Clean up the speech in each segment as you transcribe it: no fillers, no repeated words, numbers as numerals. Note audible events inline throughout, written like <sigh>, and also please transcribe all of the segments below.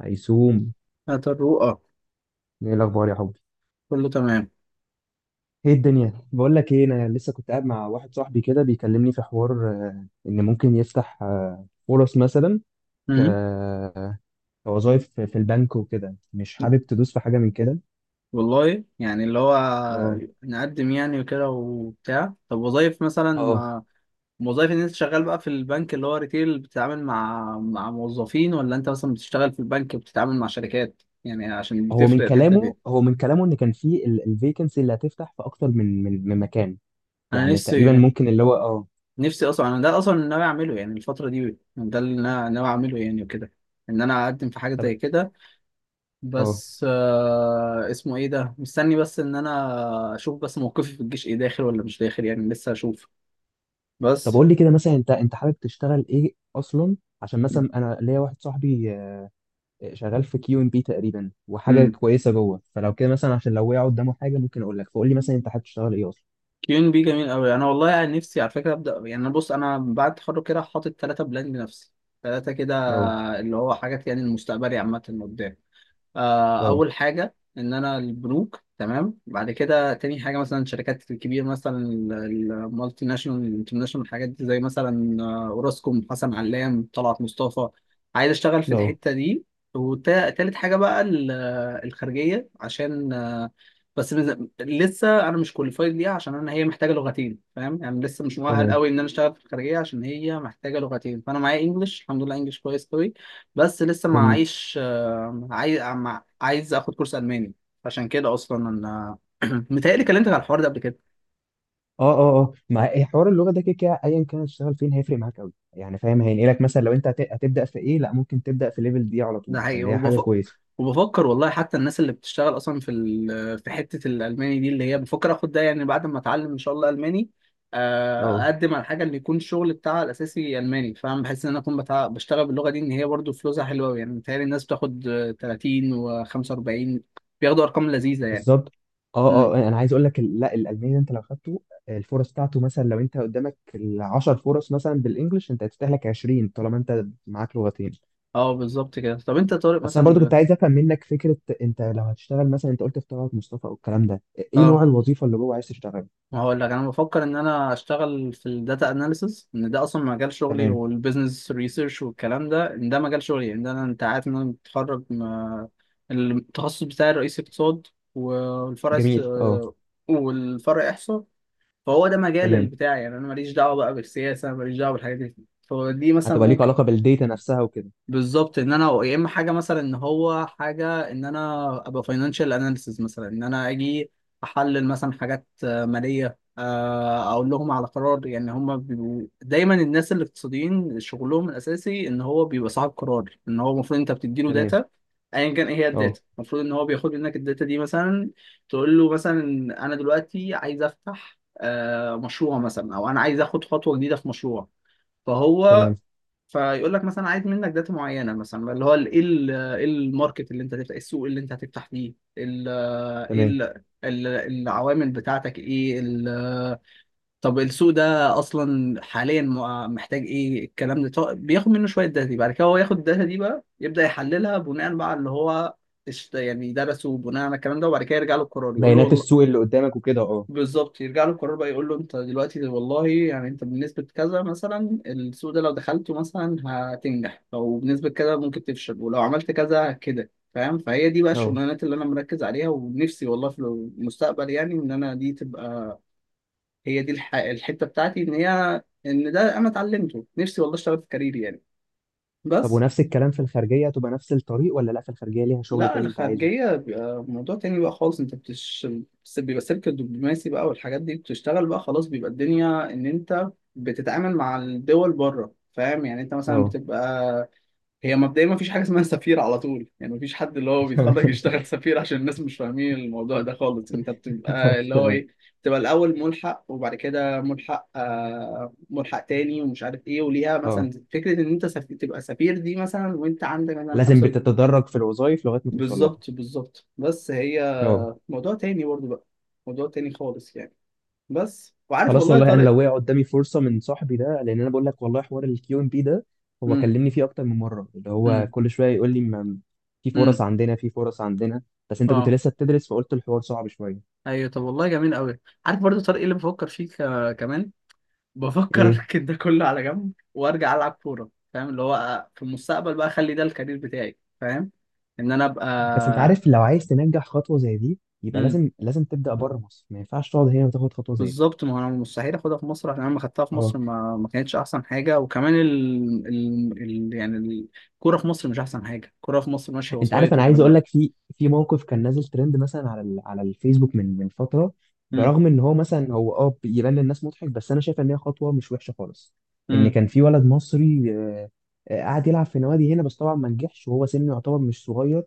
هيسوم، هات الرؤى. ايه الاخبار يا حبي؟ كله تمام. ايه الدنيا، بقول لك ايه انا لسه كنت قاعد مع واحد صاحبي كده بيكلمني في حوار ان ممكن يفتح فرص مثلا ك امم كوظائف في البنك وكده، مش حابب تدوس في حاجه من كده. والله يعني اللي هو اه. نقدم يعني وكده وبتاع. طب وظايف مثلا، اه. ما وظايف ان انت شغال بقى في البنك اللي هو ريتيل، بتتعامل مع موظفين، ولا انت مثلا بتشتغل في البنك بتتعامل مع شركات؟ يعني عشان هو من بتفرق الحتة كلامه، دي. ان كان في الفيكنسي اللي هتفتح في اكتر من مكان، انا يعني تقريبا نفسي ممكن اللي هو اه. نفسي اصلا، انا ده اصلا اللي ناوي اعمله يعني الفترة دي، ده اللي انا ناوي اعمله يعني وكده، ان انا اقدم في حاجة زي طب كده. اه بس اسمه ايه ده، مستني بس ان انا اشوف بس موقفي في الجيش ايه، داخل ولا مش داخل، يعني لسه هشوف طب بس. قول لي كده، مثلا انت حابب تشتغل ايه اصلا؟ عشان مثلا انا ليا واحد صاحبي شغال في كيو ام بي تقريبا وحاجه امم كويسه جوه فلو، كده مثلا عشان لو وقع قدامه حاجه ممكن اقول لك. فقول لي مثلا انت حابب تشتغل ايه اصلا؟ كيون بي جميل قوي. انا والله يعني نفسي على فكره، ابدا يعني، أنا بص انا بعد التخرج كده حاطط ثلاثه بلان لنفسي، ثلاثه كده، اه. اللي هو حاجات يعني المستقبلي عامه قدام. اه. اول حاجه ان انا البنوك، تمام. بعد كده تاني حاجه مثلا الشركات الكبيره، مثلا المالتي ناشونال، الانترناشونال، الحاجات دي، زي مثلا اوراسكوم، حسن علام، طلعت مصطفى، عايز اشتغل في اه. الحته دي. وتالت حاجه بقى الخارجيه، عشان لسه انا مش كواليفايد ليها، عشان انا هي محتاجه لغتين، فاهم؟ يعني لسه مش مؤهل تمام. قوي ان انا اشتغل في الخارجيه عشان هي محتاجه لغتين، فانا معايا انجلش الحمد لله، انجلش كويس قوي، بس لسه ما جميل. معيش. عايز اخد كورس الماني، عشان كده اصلا انا <clears throat> متهيألي كلمتك على الحوار ده قبل كده. اه اه اه. مع إيه حوار اللغه ده، كده كده ايا كان هتشتغل فين هيفرق معاك قوي يعني، فاهم؟ هينقلك مثلا لو انت هتبدا في ايه، لا ممكن تبدا في ليفل دي على ده طول، حقيقي، فاللي هي حاجه وبفكر كويسه. وبفكر والله، حتى الناس اللي بتشتغل اصلا في في حته الالماني دي، اللي هي بفكر اخد ده يعني بعد ما اتعلم ان شاء الله الماني، اه اقدم على حاجه اللي يكون الشغل بتاعها الاساسي الماني، فاهم؟ بحس ان انا اكون بشتغل باللغه دي، ان هي برضو فلوسها حلوه أوي، يعني متهيألي الناس بتاخد 30 و45، بياخدوا ارقام لذيذه يعني. بالظبط. اه اه امم انا عايز اقول لك لا الالماني ده انت لو خدته، الفرص بتاعته مثلا لو انت قدامك 10 فرص مثلا بالانجلش، انت هتفتح لك 20 طالما انت معاك لغتين. اه بالظبط كده. طب انت يا طارق بس انا مثلا برضو ب... كنت عايز افهم منك فكره، انت لو هتشتغل مثلا، انت قلت في طلعت مصطفى او الكلام ده، ايه نوع اه الوظيفه اللي هو عايز تشتغلها؟ هقول لك، انا بفكر ان انا اشتغل في الداتا اناليسز، ان ده اصلا مجال شغلي، تمام. والبيزنس ريسيرش والكلام ده، ان ده مجال شغلي، ان ده انا، انت عارف ان انا متخرج التخصص بتاعي الرئيسي اقتصاد، والفرع است... جميل اه. آه، والفرع احصاء. فهو ده مجال تمام، بتاعي يعني، انا ماليش دعوه بقى بالسياسه، ماليش دعوه بالحاجات دي، فدي مثلا هتبقى ليك ممكن. علاقه بالديتا نفسها وكده. بالظبط، ان انا يا اما حاجه مثلا ان هو حاجه ان انا ابقى فاينانشال اناليسز، مثلا ان انا اجي احلل مثلا حاجات ماليه، اقول لهم على قرار، يعني هم بيبقوا دايما الناس الاقتصاديين شغلهم الاساسي ان هو بيبقى صاحب قرار، ان هو المفروض انت بتديله تمام. داتا، ايا كان ايه هي اه الداتا، المفروض ان هو بياخد منك الداتا دي، مثلا تقول له مثلا انا دلوقتي عايز افتح مشروع مثلا، او انا عايز اخد خطوه جديده في مشروع. فهو تمام فيقول لك مثلا عايز منك داتا معينه، مثلا اللي هو ال- ايه ال- إيه الماركت اللي انت هتفتح، إيه السوق اللي انت هتفتح فيه، تمام. العوامل بتاعتك ايه، طب السوق ده اصلا حاليا محتاج ايه، الكلام ده. طب بياخد منه شويه داتا دي، بعد كده هو ياخد الداتا دي بقى، يبدا يحللها بناء بقى على اللي هو يعني درسه، بناء على الكلام ده، وبعد كده يرجع له القرار يقول له بيانات والله. السوق اللي قدامك وكده، اه. بالظبط، يرجع له القرار بقى يقول له انت دلوقتي والله يعني انت بنسبة كذا مثلا السوق ده لو دخلته مثلا هتنجح، او بنسبة كذا ممكن تفشل، ولو عملت كذا كده، فاهم؟ فهي دي بقى اه الشغلانات اللي انا مركز عليها، ونفسي والله في المستقبل يعني ان انا دي تبقى الحتة بتاعتي، ان هي ان ده انا اتعلمته نفسي والله، اشتغل في كاريري يعني. طب، بس. ونفس الكلام في الخارجيه هتبقى نفس الطريق ولا لا، في الخارجيه ليها شغل لا، تاني انت عايزه؟ الخارجية بيبقى موضوع تاني بقى خالص، انت بتش بس بيبقى سلك الدبلوماسي بقى والحاجات دي، بتشتغل بقى خلاص، بيبقى الدنيا ان انت بتتعامل مع الدول بره، فاهم يعني؟ انت مثلا اه. بتبقى، هي مبدئيا ما فيش حاجة اسمها سفير على طول يعني، ما فيش حد اللي هو <laughs> تمام. بيتخرج يشتغل سفير، عشان الناس مش فاهمين الموضوع ده خالص. انت بتبقى اللي هو تمام. ايه، بتبقى الاول ملحق، وبعد كده ملحق ملحق تاني، ومش عارف ايه، وليها مثلا اه فكرة ان انت تبقى سفير دي، مثلا وانت عندك مثلا لازم خمسة. بتتدرج في الوظائف لغايه ما توصل لها. بالظبط بس هي اه. موضوع تاني برضه بقى، موضوع تاني خالص يعني. بس وعارف خلاص، والله يا والله انا طارق. لو وقع قدامي فرصه من صاحبي ده، لان انا بقول لك والله حوار الكيو ام بي ده هو امم كلمني فيه اكتر من مره، اللي هو امم كل شويه يقول لي في فرص امم عندنا، في فرص عندنا. بس انت كنت اه لسه بتدرس فقلت الحوار صعب شويه. ايوه، طب والله جميل قوي. عارف برضو طارق إيه اللي بفكر فيه كمان؟ بفكر ايه. اركن ده كله على جنب وارجع العب كوره، فاهم؟ اللي هو في المستقبل بقى اخلي ده الكارير بتاعي، فاهم؟ ان انا ابقى. بس انت عارف لو عايز تنجح خطوه زي دي يبقى مم. لازم لازم تبدا بره مصر، ما ينفعش تقعد هنا وتاخد خطوه زي دي. بالظبط، ما هو انا مستحيل اخدها في مصر، عشان انا لما خدتها في اه. مصر ما ما كانتش احسن حاجه، وكمان يعني الكوره في مصر مش احسن حاجه، الكوره في مصر ماشيه انت عارف وسايط انا عايز والكلام اقول ده. لك في موقف كان نازل ترند مثلا على على الفيسبوك من فتره، امم برغم ان هو مثلا، هو يبان للناس مضحك بس انا شايف ان هي خطوه مش وحشه خالص. ان امم كان في ولد مصري قاعد يلعب في نوادي هنا، بس طبعا ما نجحش وهو سنه يعتبر مش صغير،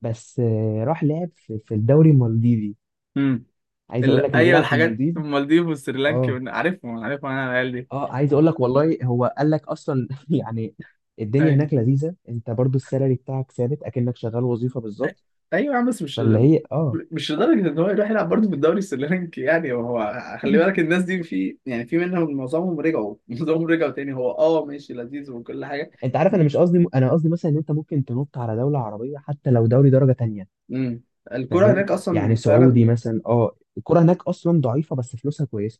بس راح لعب في الدوري المالديفي. امم عايز اقول لك انه ايوه، بيلعب في الحاجات المالديف. المالديف والسريلانكي اه. عارفهم انا العيال دي. اه عايز اقول لك والله هو قال لك اصلا <laughs> يعني الدنيا ايوه. هناك لذيذه، انت برضو السالري بتاعك ثابت اكنك شغال وظيفه أي- بالظبط. ايوه يا عم، بس مش، فاللي هي اه. مش لدرجه ان هو يروح يلعب برضه في الدوري السريلانكي يعني، هو خلي <laughs> بالك الناس دي في، يعني في منهم معظمهم رجعوا <laughs> معظمهم رجعوا تاني. هو اه ماشي لذيذ وكل حاجه. انت عارف انا مش قصدي، انا قصدي مثلا ان انت ممكن تنط على دوله عربيه حتى لو دوري درجه تانية، امم الكرة هناك فاهم يعني أصلا سعودي فعلا. مثلا، الكره هناك اصلا ضعيفه بس فلوسها كويسه.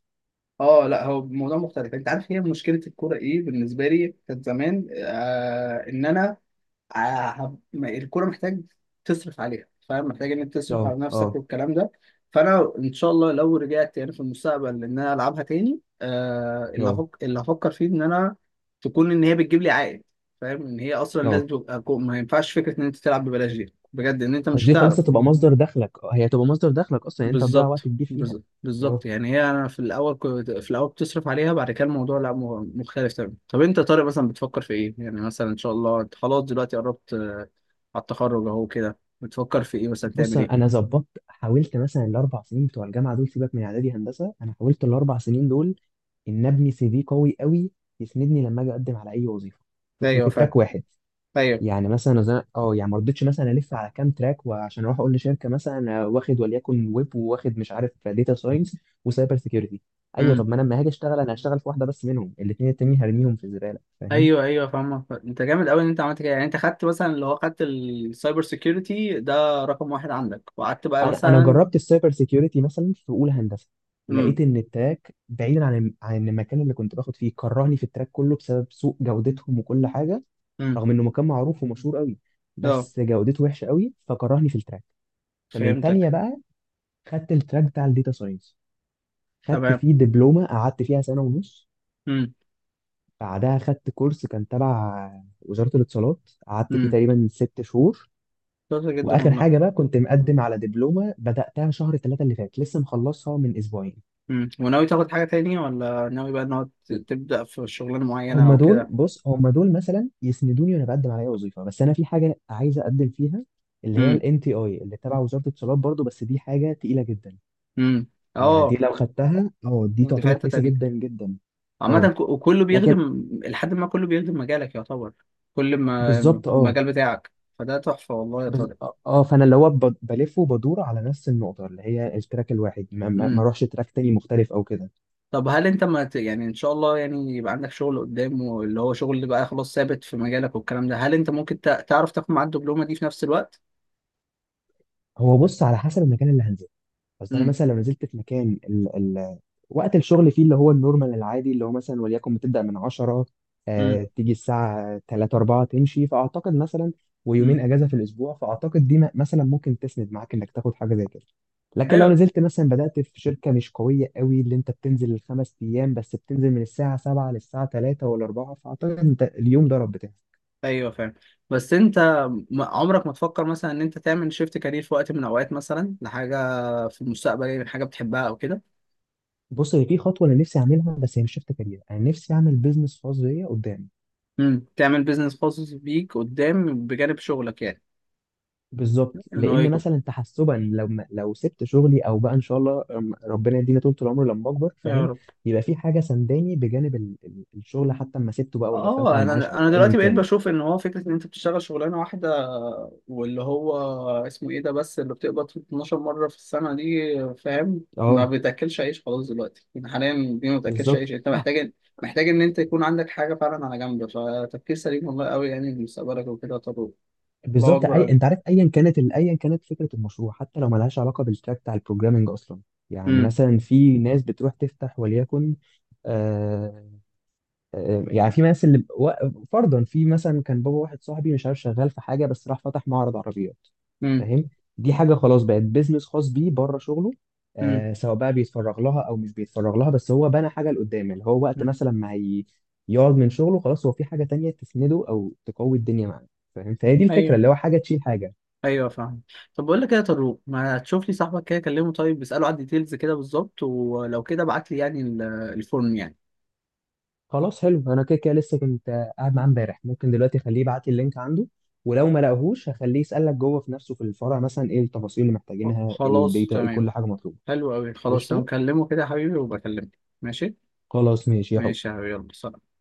اه، لا هو موضوع مختلف، انت عارف هي مشكله الكوره ايه بالنسبه لي كانت زمان ان انا آه الكوره محتاج تصرف عليها، فاهم؟ محتاج ان انت تصرف اه. على نفسك اه. والكلام ده. فانا ان شاء الله لو رجعت يعني في المستقبل ان انا العبها تاني اه. اللي هفكر فيه ان انا تكون ان هي بتجيب لي عائد، فاهم؟ ان هي اصلا لازم اه تبقى ما ينفعش فكره ان انت تلعب ببلاش دي بجد، ان انت مش قصدي خلاص هتعرف. هتبقى مصدر دخلك، هي هتبقى مصدر دخلك اصلا، يعني انت تضيع وقت كبير فيها. اه. بالظبط، يعني هي انا في الاول كنت في الاول بتصرف عليها، بعد كده الموضوع لا مختلف تماما. طب انت يا طارق مثلا بتفكر في ايه يعني، مثلا ان شاء الله انت خلاص دلوقتي قربت على التخرج اهو كده، بتفكر في ايه مثلا تعمل بص، انا ايه؟ ظبطت، حاولت مثلا الـ4 سنين بتوع الجامعه دول، سيبك من اعدادي هندسه، انا حاولت الـ4 سنين دول ان ابني سي في قوي قوي، يسندني لما اجي اقدم على اي وظيفه، ايوه وفي فاهم. تراك واحد. ايوه. يعني مثلا يعني ما رضيتش مثلا الف على كام تراك، وعشان اروح اقول لشركه مثلا أنا واخد وليكن ويب وواخد مش عارف داتا ساينس وسايبر سيكيورتي، ايوه امم طب ما انا لما هاجي اشتغل انا هشتغل في واحده بس منهم، الاثنين التانيين هرميهم في الزباله، فاهم؟ ايوه، ايوه فاهمك. انت جامد قوي ان انت عملت كده يعني، انت خدت مثلا اللي هو خدت السايبر سيكيورتي ده رقم واحد عندك، وقعدت بقى انا مثلا. جربت السايبر سيكيورتي مثلا في اولى هندسه، امم لقيت ان التراك بعيدا عن المكان اللي كنت باخد فيه، كرهني في التراك كله بسبب سوء جودتهم وكل حاجه، امم رغم انه مكان معروف ومشهور قوي اه بس جودته وحشه قوي فكرهني في التراك. فمن تانية فهمتك. بقى، خدت التراك بتاع الداتا ساينس، خدت تمام. فيه دبلومة قعدت فيها سنة ونص، امم بعدها خدت كورس كان تبع وزارة الاتصالات قعدت فيه امم تقريبا 6 شهور، شاطر جدا وآخر والله. حاجة بقى كنت مقدم على دبلومة بدأتها شهر 3 اللي فات لسه مخلصها من أسبوعين. وناوي تاخد حاجة تانية، ولا ناوي بقى ان هو تبدأ في شغلانة معينة هما او دول، كده؟ بص هما دول مثلا يسندوني وأنا بقدم على أي وظيفة. بس أنا في حاجة عايز أقدم فيها اللي هي ال امم NTI، اللي تبع وزارة الاتصالات برضو، بس دي حاجة تقيلة جدا. امم يعني دي اه، لو خدتها اه دي دي في تعتبر حتة كويسة تانية. جدا جدا. عامة اه. وكله لكن. بيخدم، لحد ما كله بيخدم مجالك يعتبر، كل ما بالظبط اه. المجال بتاعك، فده تحفة والله يا بز... طارق. اه فانا اللي هو بلف وبدور على نفس النقطه، اللي هي التراك الواحد، ما امم اروحش تراك تاني مختلف او كده. طب هل انت ما ت... يعني ان شاء الله يعني يبقى عندك شغل قدام، واللي هو شغل اللي بقى خلاص ثابت في مجالك والكلام ده، هل انت ممكن تعرف تاخد معاه الدبلومة دي في نفس الوقت؟ هو بص، على حسب المكان اللي هنزله، اصل انا امم مثلا لو نزلت في مكان وقت الشغل فيه اللي هو النورمال العادي، اللي هو مثلا وليكن بتبدأ من 10، امم تيجي الساعة 3 4 تمشي، فاعتقد مثلا ويومين امم اجازة في الاسبوع، فاعتقد دي مثلا ممكن تسند معاك انك تاخد حاجة زي كده. لكن لو ايوه، نزلت مثلا بدأت في شركة مش قوية قوي اللي انت بتنزل الـ5 ايام، بس بتنزل من الساعة 7 للساعة 3 ولا 4، فاعتقد انت اليوم ضرب بتاعك. ايوه فاهم. بس انت عمرك ما تفكر مثلا ان انت تعمل شيفت كارير في وقت من الاوقات، مثلا لحاجه في المستقبل يعني، حاجه بتحبها او كده؟ بص، هي في خطوة انا نفسي اعملها بس هي مش شفت كارير، انا نفسي اعمل بيزنس خاص بيا قدام. تعمل بيزنس خاص بيك قدام، بجانب شغلك يعني، بالظبط، ان هو لان يكون. مثلا تحسبا لو لو سبت شغلي او بقى ان شاء الله ربنا يدينا طول العمر لما اكبر، يا فاهم؟ رب. يبقى في حاجه سنداني بجانب الشغل حتى اما سبته بقى ولا طلعت اه، على المعاش انا او انا ايا دلوقتي بقيت كان. بشوف ان هو فكره ان انت بتشتغل شغلانه واحده واللي هو اسمه ايه ده بس اللي بتقبض 12 مره في السنه دي، فاهم؟ ما اه. بتاكلش عيش خلاص دلوقتي، يعني حاليا دي ما بتاكلش بالظبط عيش، انت محتاج، محتاج ان انت يكون عندك حاجه فعلا على جنب. فتفكير سليم والله قوي يعني لمستقبلك وكده. طب. الله بالظبط. اكبر اي، انت عليك. عارف ايا كانت ايا كانت فكره المشروع حتى لو ملهاش علاقه بالتراك بتاع البروجرامنج اصلا. يعني امم مثلا في ناس بتروح تفتح وليكن آه، يعني في ناس اللي فرضا في مثلا كان بابا واحد صاحبي مش عارف شغال في حاجه بس راح فتح معرض عربيات، امم فاهم؟ دي حاجه خلاص بقت بيزنس خاص بيه بره شغله، امم سواء بقى بيتفرغ لها او مش بيتفرغ لها، بس هو بنى حاجه لقدام اللي هو وقت أمم. مثلا ما هي- يقعد من شغله خلاص هو في حاجه تانية تسنده او تقوي الدنيا معاه، فاهم؟ فهي دي الفكره ايوه، اللي هو حاجه تشيل حاجه. ايوه فاهم. طب بقول لك ايه يا طارق، ما تشوف لي صاحبك كده كلمه، طيب اساله على الديتيلز كده بالظبط، ولو كده ابعت لي يعني الفورم يعني. خلاص حلو، انا كده كده لسه كنت قاعد معاه امبارح، ممكن دلوقتي اخليه يبعت لي اللينك عنده، ولو ما لقاهوش هخليه يسألك جوه في نفسه في الفرع مثلا ايه التفاصيل اللي محتاجينها، خلاص الداتا، ايه تمام. كل حاجة مطلوبة. حلو أوي، خلاص أنا قشطة. مكلمه كده يا حبيبي وبكلمك، ماشي؟ خلاص ماشي يا حب. ماشي يا حبيبي، يلا سلام.